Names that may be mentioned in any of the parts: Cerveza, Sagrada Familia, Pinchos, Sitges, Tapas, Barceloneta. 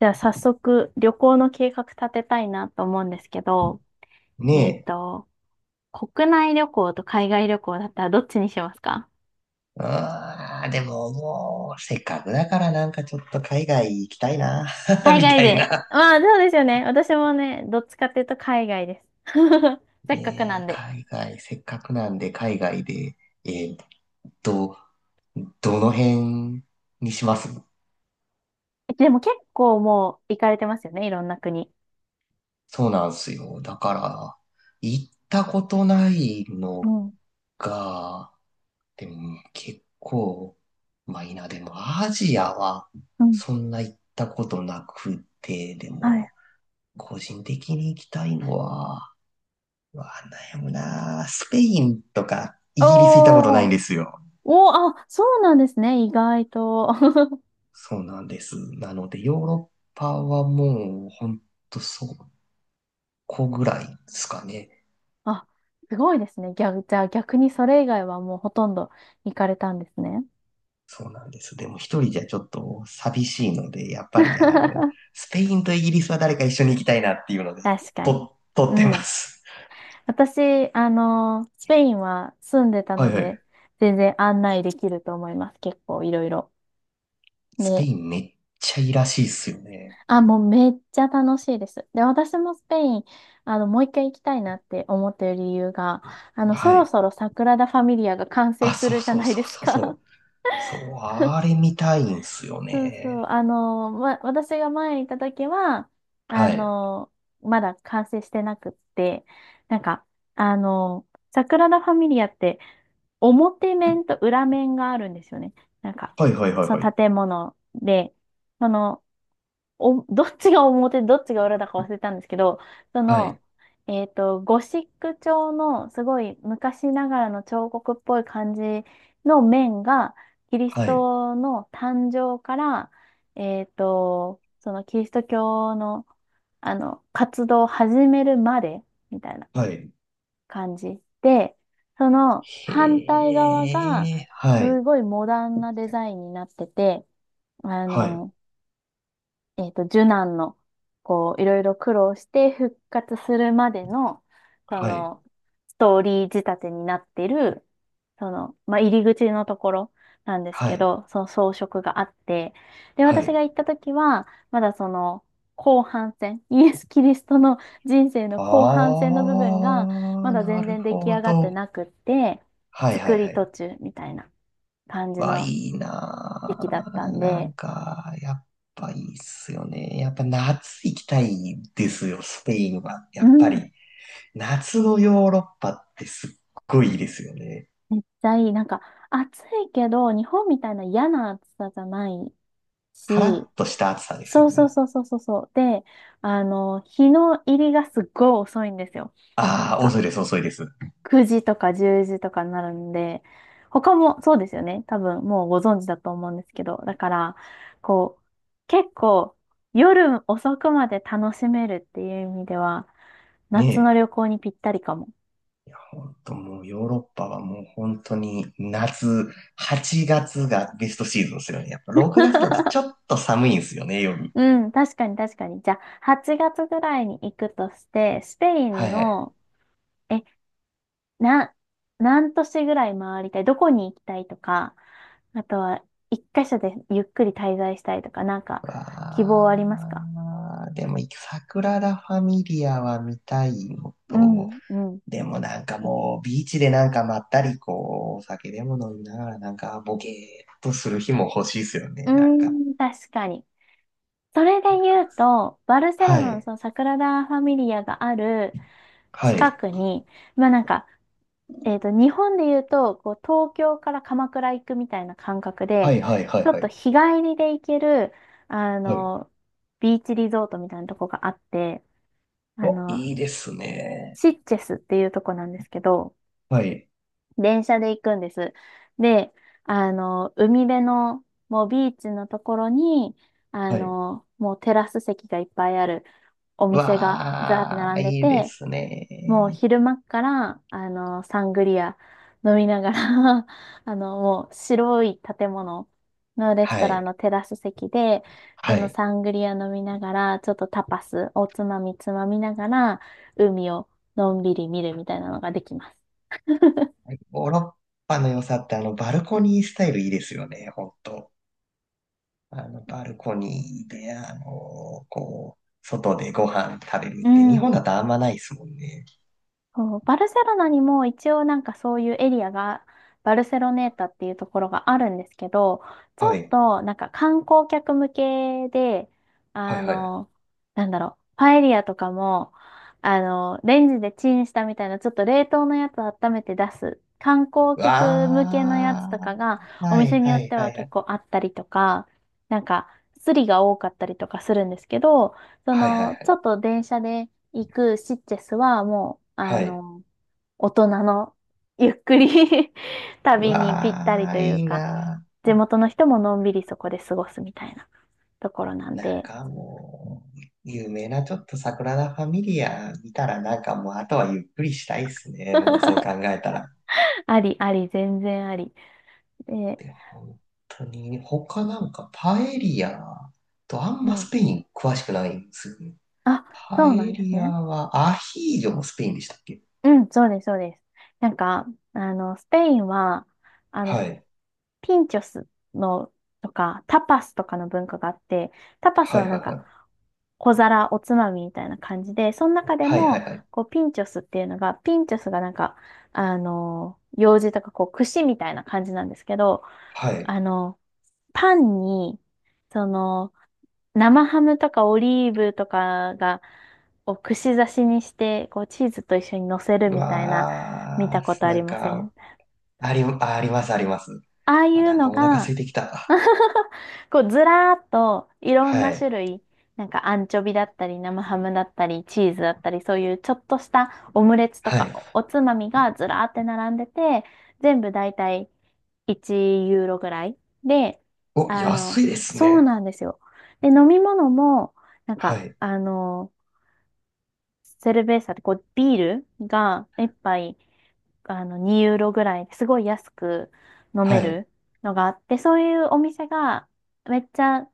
じゃあ早速旅行の計画立てたいなと思うんですけど、ねえっと、国内旅行と海外旅行だったらどっちにしますか？え。ああ、でももう、せっかくだからなんかちょっと海外行きたいな、海み外たいで。な。まあそうですよね。私もね、どっちかっていうと海外です。せっかくなねえ、んで。海外、せっかくなんで海外で、えーっと、どの辺にします？でも結構もう行かれてますよね、いろんな国。そうなんすよ。だから、行ったことないうのん。が、でも結構、まあいいな、でもアジアはうん。そんな行ったことなくて、ではい。も、個人的に行きたいのは、うわ、悩むなぁ、スペインとかイギリス行ったことないんおー。ですよ。おー、あ、そうなんですね、意外と。そうなんです。なので、ヨーロッパはもう、ほんとそこぐらいですかね。あ、すごいですね。じゃあ逆にそれ以外はもうほとんど行かれたんですね。そうなんです。でも一人じゃちょっと寂しいので、やっぱりあの、スペインとイギリスは誰か一緒に行きたいなっていうので、確かに。と、撮うってまん。す。私、スペインは住んでたはのいはで、い。全然案内できると思います。結構いろいろ。スペね、インめっちゃいいらしいっすよね。あ、もうめっちゃ楽しいです。で、私もスペイン、もう一回行きたいなって思ってる理由が、はそろい。そろサグラダ・ファミリアが完成あ、すそうるじゃそうないそでうすそうか。そう。そう、あれ見たいんすよ そうそう。ね。ま、私が前に行った時は、あはい。の、まだ完成してなくって、なんか、あの、サグラダ・ファミリアって、表面と裏面があるんですよね。なんか、はいはいはいそのはい。建物で、その、どっちが表、どっちが裏だか忘れたんですけど、そはの、い、ゴシック調のすごい昔ながらの彫刻っぽい感じの面が、キリスはい、トの誕生から、そのキリスト教の、活動を始めるまで、みたいな。はい。感じ。で、その反対へ側が、え、はすい、ごいモダンなデザインになってて、あはい、の、受難の、こう、いろいろ苦労して復活するまでの、そはい、の、ストーリー仕立てになってる、その、まあ、入り口のところなんですはけい、ど、その装飾があって、で、は私い。が行った時は、まだその、後半戦、イエス・キリストの人生のあ後半戦の部分が、まー、だな全る然出来ほ上がってど。なくって、はい、は作い、はり途い。中みたいな感じわ、のいい時期だったなー。んなんで、か、やっぱいいっすよね。やっぱ夏行きたいですよ、スペインは。やうっぱん。り、夏のヨーロッパってすっごいいいですよね。めっちゃいい。なんか、暑いけど、日本みたいな嫌な暑さじゃないカし、ラッとした暑さですよそうそうね。そうそうそうそう。で、日の入りがすっごい遅いんですよ。なんあー、か、遅いです、遅いです。9時とか10時とかになるんで、他もそうですよね。多分、もうご存知だと思うんですけど。だから、こう、結構、夜遅くまで楽しめるっていう意味では、ね夏え。の旅行にぴったりかも。本当もうヨーロッパはもう本当に夏、8月がベストシーズンですよね。やっぱ6月だとちょ っと寒いんですよね、夜。うん、確かに確かに。じゃあ、8月ぐらいに行くとして、スペイはンいはい。の、え、な、何都市ぐらい回りたい、どこに行きたいとか、あとは、一箇所でゆっくり滞在したいとか、なんか、希望ありますか？わー、でも、桜田ファミリアは見たいのうと、ん、うん。でもなんかもう、ビーチでなんかまったり、こう、お酒でも飲みながら、なんかボケーっとする日も欲しいですよね、うなんか。ーん、確かに。それで言うと、バルセはロナのい。そのサグラダ・ファミリアがあるは近い。くに、まあなんか、日本で言うと、こう、東京から鎌倉行くみたいな感覚はで、いはいはいちょっはとい。日帰りで行ける、あはい。の、ビーチリゾートみたいなとこがあって、あ、あの、いいですね。シッチェスっていうとこなんですけど、はい。電車で行くんです。で、海辺の、もうビーチのところに、はい。もうテラス席がいっぱいあるお店がざーってわ並あ、んでいいでて、すもうね。昼間っから、サングリア飲みながら もう白い建物のレストはランい。のテラス席で、そはのい。サングリア飲みながら、ちょっとタパス、おつまみつまみながら、海をのんびり見るみたいなのができます。ヨーロッパの良さってあのバルコニースタイルいいですよね、本当。あのバルコニーで、あの、こう、外でご飯食べるうって日ん。本だとあんまないですもんね。そう、バルセロナにも一応なんかそういうエリアが、バルセロネータっていうところがあるんですけど、ちょはっい。となんか観光客向けで、はいあはい。うの、なんだろう、パエリアとかも、レンジでチンしたみたいな、ちょっと冷凍のやつを温めて出す、観光客向けのやわつとあ、かが、おは店いによはっいてははいは結い。構あったりとか、なんか、スリが多かったりとかするんですけど、そはいはいはの、ちょい。っと電車で、行くシッチェスはもう、はい。大人のゆっくり う旅にぴったりわとあ、いいういか、な地あ。元の人ものんびりそこで過ごすみたいなところなんなんで、かもう、有名なちょっと桜田ファミリア見たらなんかもうあとはゆっくりしたいっすね。もうそう考 えたら。ありあり、全然あり。で、で、本当に他なんかパエリアとあんうまスん。ペイン詳しくないんですよね。あ、パそエうなんですリアね。はアヒージョもスペインでしたっけ？うん、そうです、そうです。なんか、スペインは、あの、はい。ピンチョスの、とか、タパスとかの文化があって、タパスはいははなんいか、はい。小皿、おつまみみたいな感じで、その中ではいはいも、はい。こう、ピンチョスっていうのが、ピンチョスがなんか、用事とか、こう、串みたいな感じなんですけど、はい。あの、パンに、その、生ハムとかオリーブとかが、を串刺しにして、こうチーズと一緒に乗せるうみたいな、見たわことー、あなりんませか、ん？あり、ありますあります。ああいあ、うなんかのお腹空が、いてきた。こうずらーっといろんはない。種類、なんかアンチョビだったり生ハムだったりチーズだったりそういうちょっとしたオムレツとはかい。おつまみがずらーって並んでて、全部だいたい1ユーロぐらいで、お、あ安の、いですそうね。なんですよ。で、飲み物も、なんはか、い。セルベーサってこうビールが一杯2ユーロぐらいですごい安く飲はめい。るのがあって、そういうお店がめっちゃ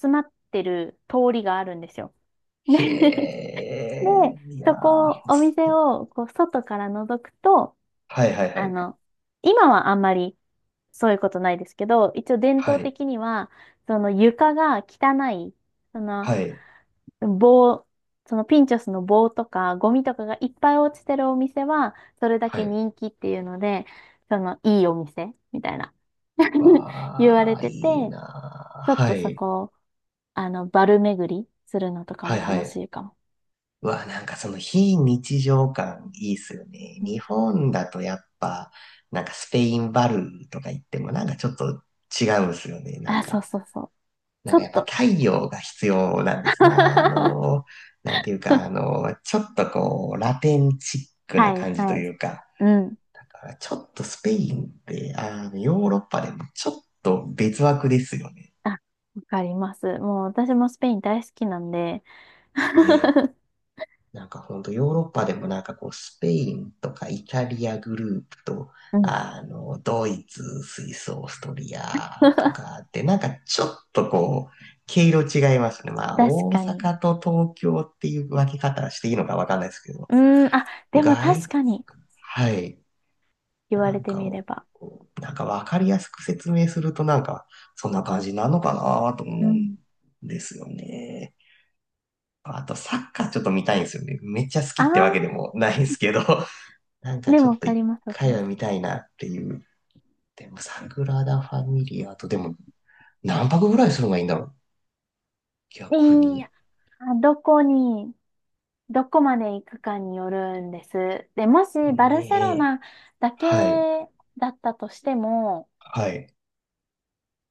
集まってる通りがあるんですよ。へで、で、え、いやそー、こ、お店をこう外から覗くと、はいはいはあい。の、今はあんまりそういうことないですけど、一応伝は統い。的には、その床が汚い、そのはい。棒、そのピンチョスの棒とかゴミとかがいっぱい落ちてるお店は、それだはけい。人気っていうので、そのいいお店みたいな 言われわあ、ていいて、なちょー。っはとそい。こ、バル巡りするのとかはもいは楽しい。いかも。わあ、なんかその非日常感いいっすよね。う日ん。本だとやっぱ、なんかスペインバルーとか言ってもなんかちょっと違うんすよね。なんあ、そうか、そうそう。なちんょかっやっぱと。太陽が必要なんですね。あ のー、なんていうか、あのー、ちょっとこう、ラテンチックなはい感じとはい。いうか、うん。だからちょっとスペインって、あの、ヨーロッパでもちょっと別枠ですよね。あ、わかります。もう私もスペイン大好きなんで。ねえ。なんかほんとヨーロッパでもなんかこうスペインとかイタリアグループと、うん。あの、ドイツ、スイス、オーストリアと かってなんかちょっとこう、毛色違いますね。まあ確大かに。阪と東京っていう分け方していいのかわかんないですけど。うーん、あ、でも確外、かに。はい。言わなれんてみか、れば。なんかわかりやすく説明するとなんか、そんな感じなのかなとう思うんん。ですよね。あと、サッカーちょっと見たいんですよね。めっちゃ好あきってわけあ、でもないんですけど、なんかでちもょっわとかり一ます、わかり回まはす。見たいなっていう。でも、サグラダ・ファミリアと、でも、何泊ぐらいするのがいいんだろう、逆いに。やー、どこに、どこまで行くかによるんです。で、もしバルセロねえ。ナだけはい。だったとしても、はい。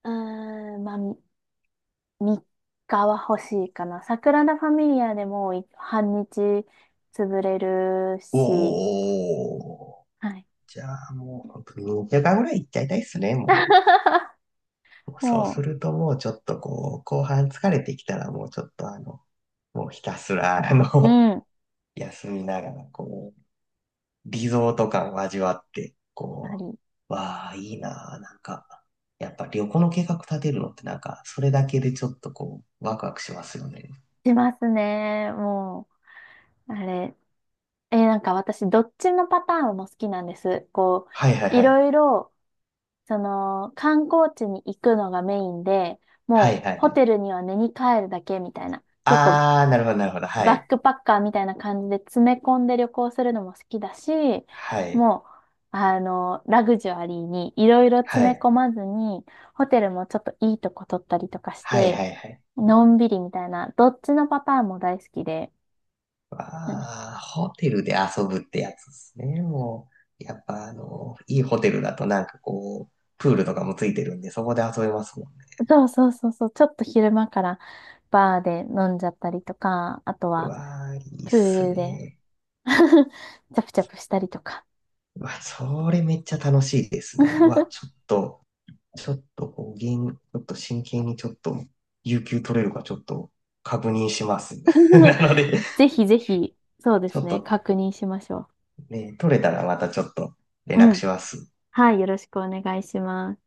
うーん、まあ、3日は欲しいかな。サグラダ・ファミリアでも半日潰れるし、おー。はい。じゃあもう、本当に2週間ぐらい行っちゃいたいっすね、もう。そうすもるともうちょっとこう、後半疲れてきたらもうちょっとあの、もうひたすらあう、の、うん、休みながらこう、リゾート感を味わって、あこりう、わあ、いいなあ、なんか、やっぱ旅行の計画立てるのってなんか、それだけでちょっとこう、ワクワクしますよね。しますね。もう、あれ、なんか私、どっちのパターンも好きなんです。こはいはいう、いはい。ろいろ、その、観光地に行くのがメインで、はいもう、はいはホい。テルには寝に帰るだけみたいな、結構、あー、なるほどなるほど。はバッい。クパッカーみたいな感じで詰め込んで旅行するのも好きだし、はい。もう、ラグジュアリーにいろいろは詰めい。込まずに、ホテルもちょっといいとこ取ったりとかしはいて、はいはい。のんびりみたいな、どっちのパターンも大好きで、うん。ああ、ホテルで遊ぶってやつですね。もう、やっぱあの、いいホテルだとなんかこう、プールとかもついてるんで、そこで遊べますもんね。そうそうそうそう、ちょっと昼間からバーで飲んじゃったりとか、あとうはわあ、いいっプーすルで ね。チャプチャプしたりとか。うわ、それめっちゃ楽しいですね。うわ、ちょ っと、ちょっとこう、ゲーム、ちょっと真剣にちょっと、有給取れるかちょっと確認します。なので、ぜひぜひ、そうでちょすっね、と確認しましょね、取れたらまたちょっと連う。う絡ん。します。はい、よろしくお願いします。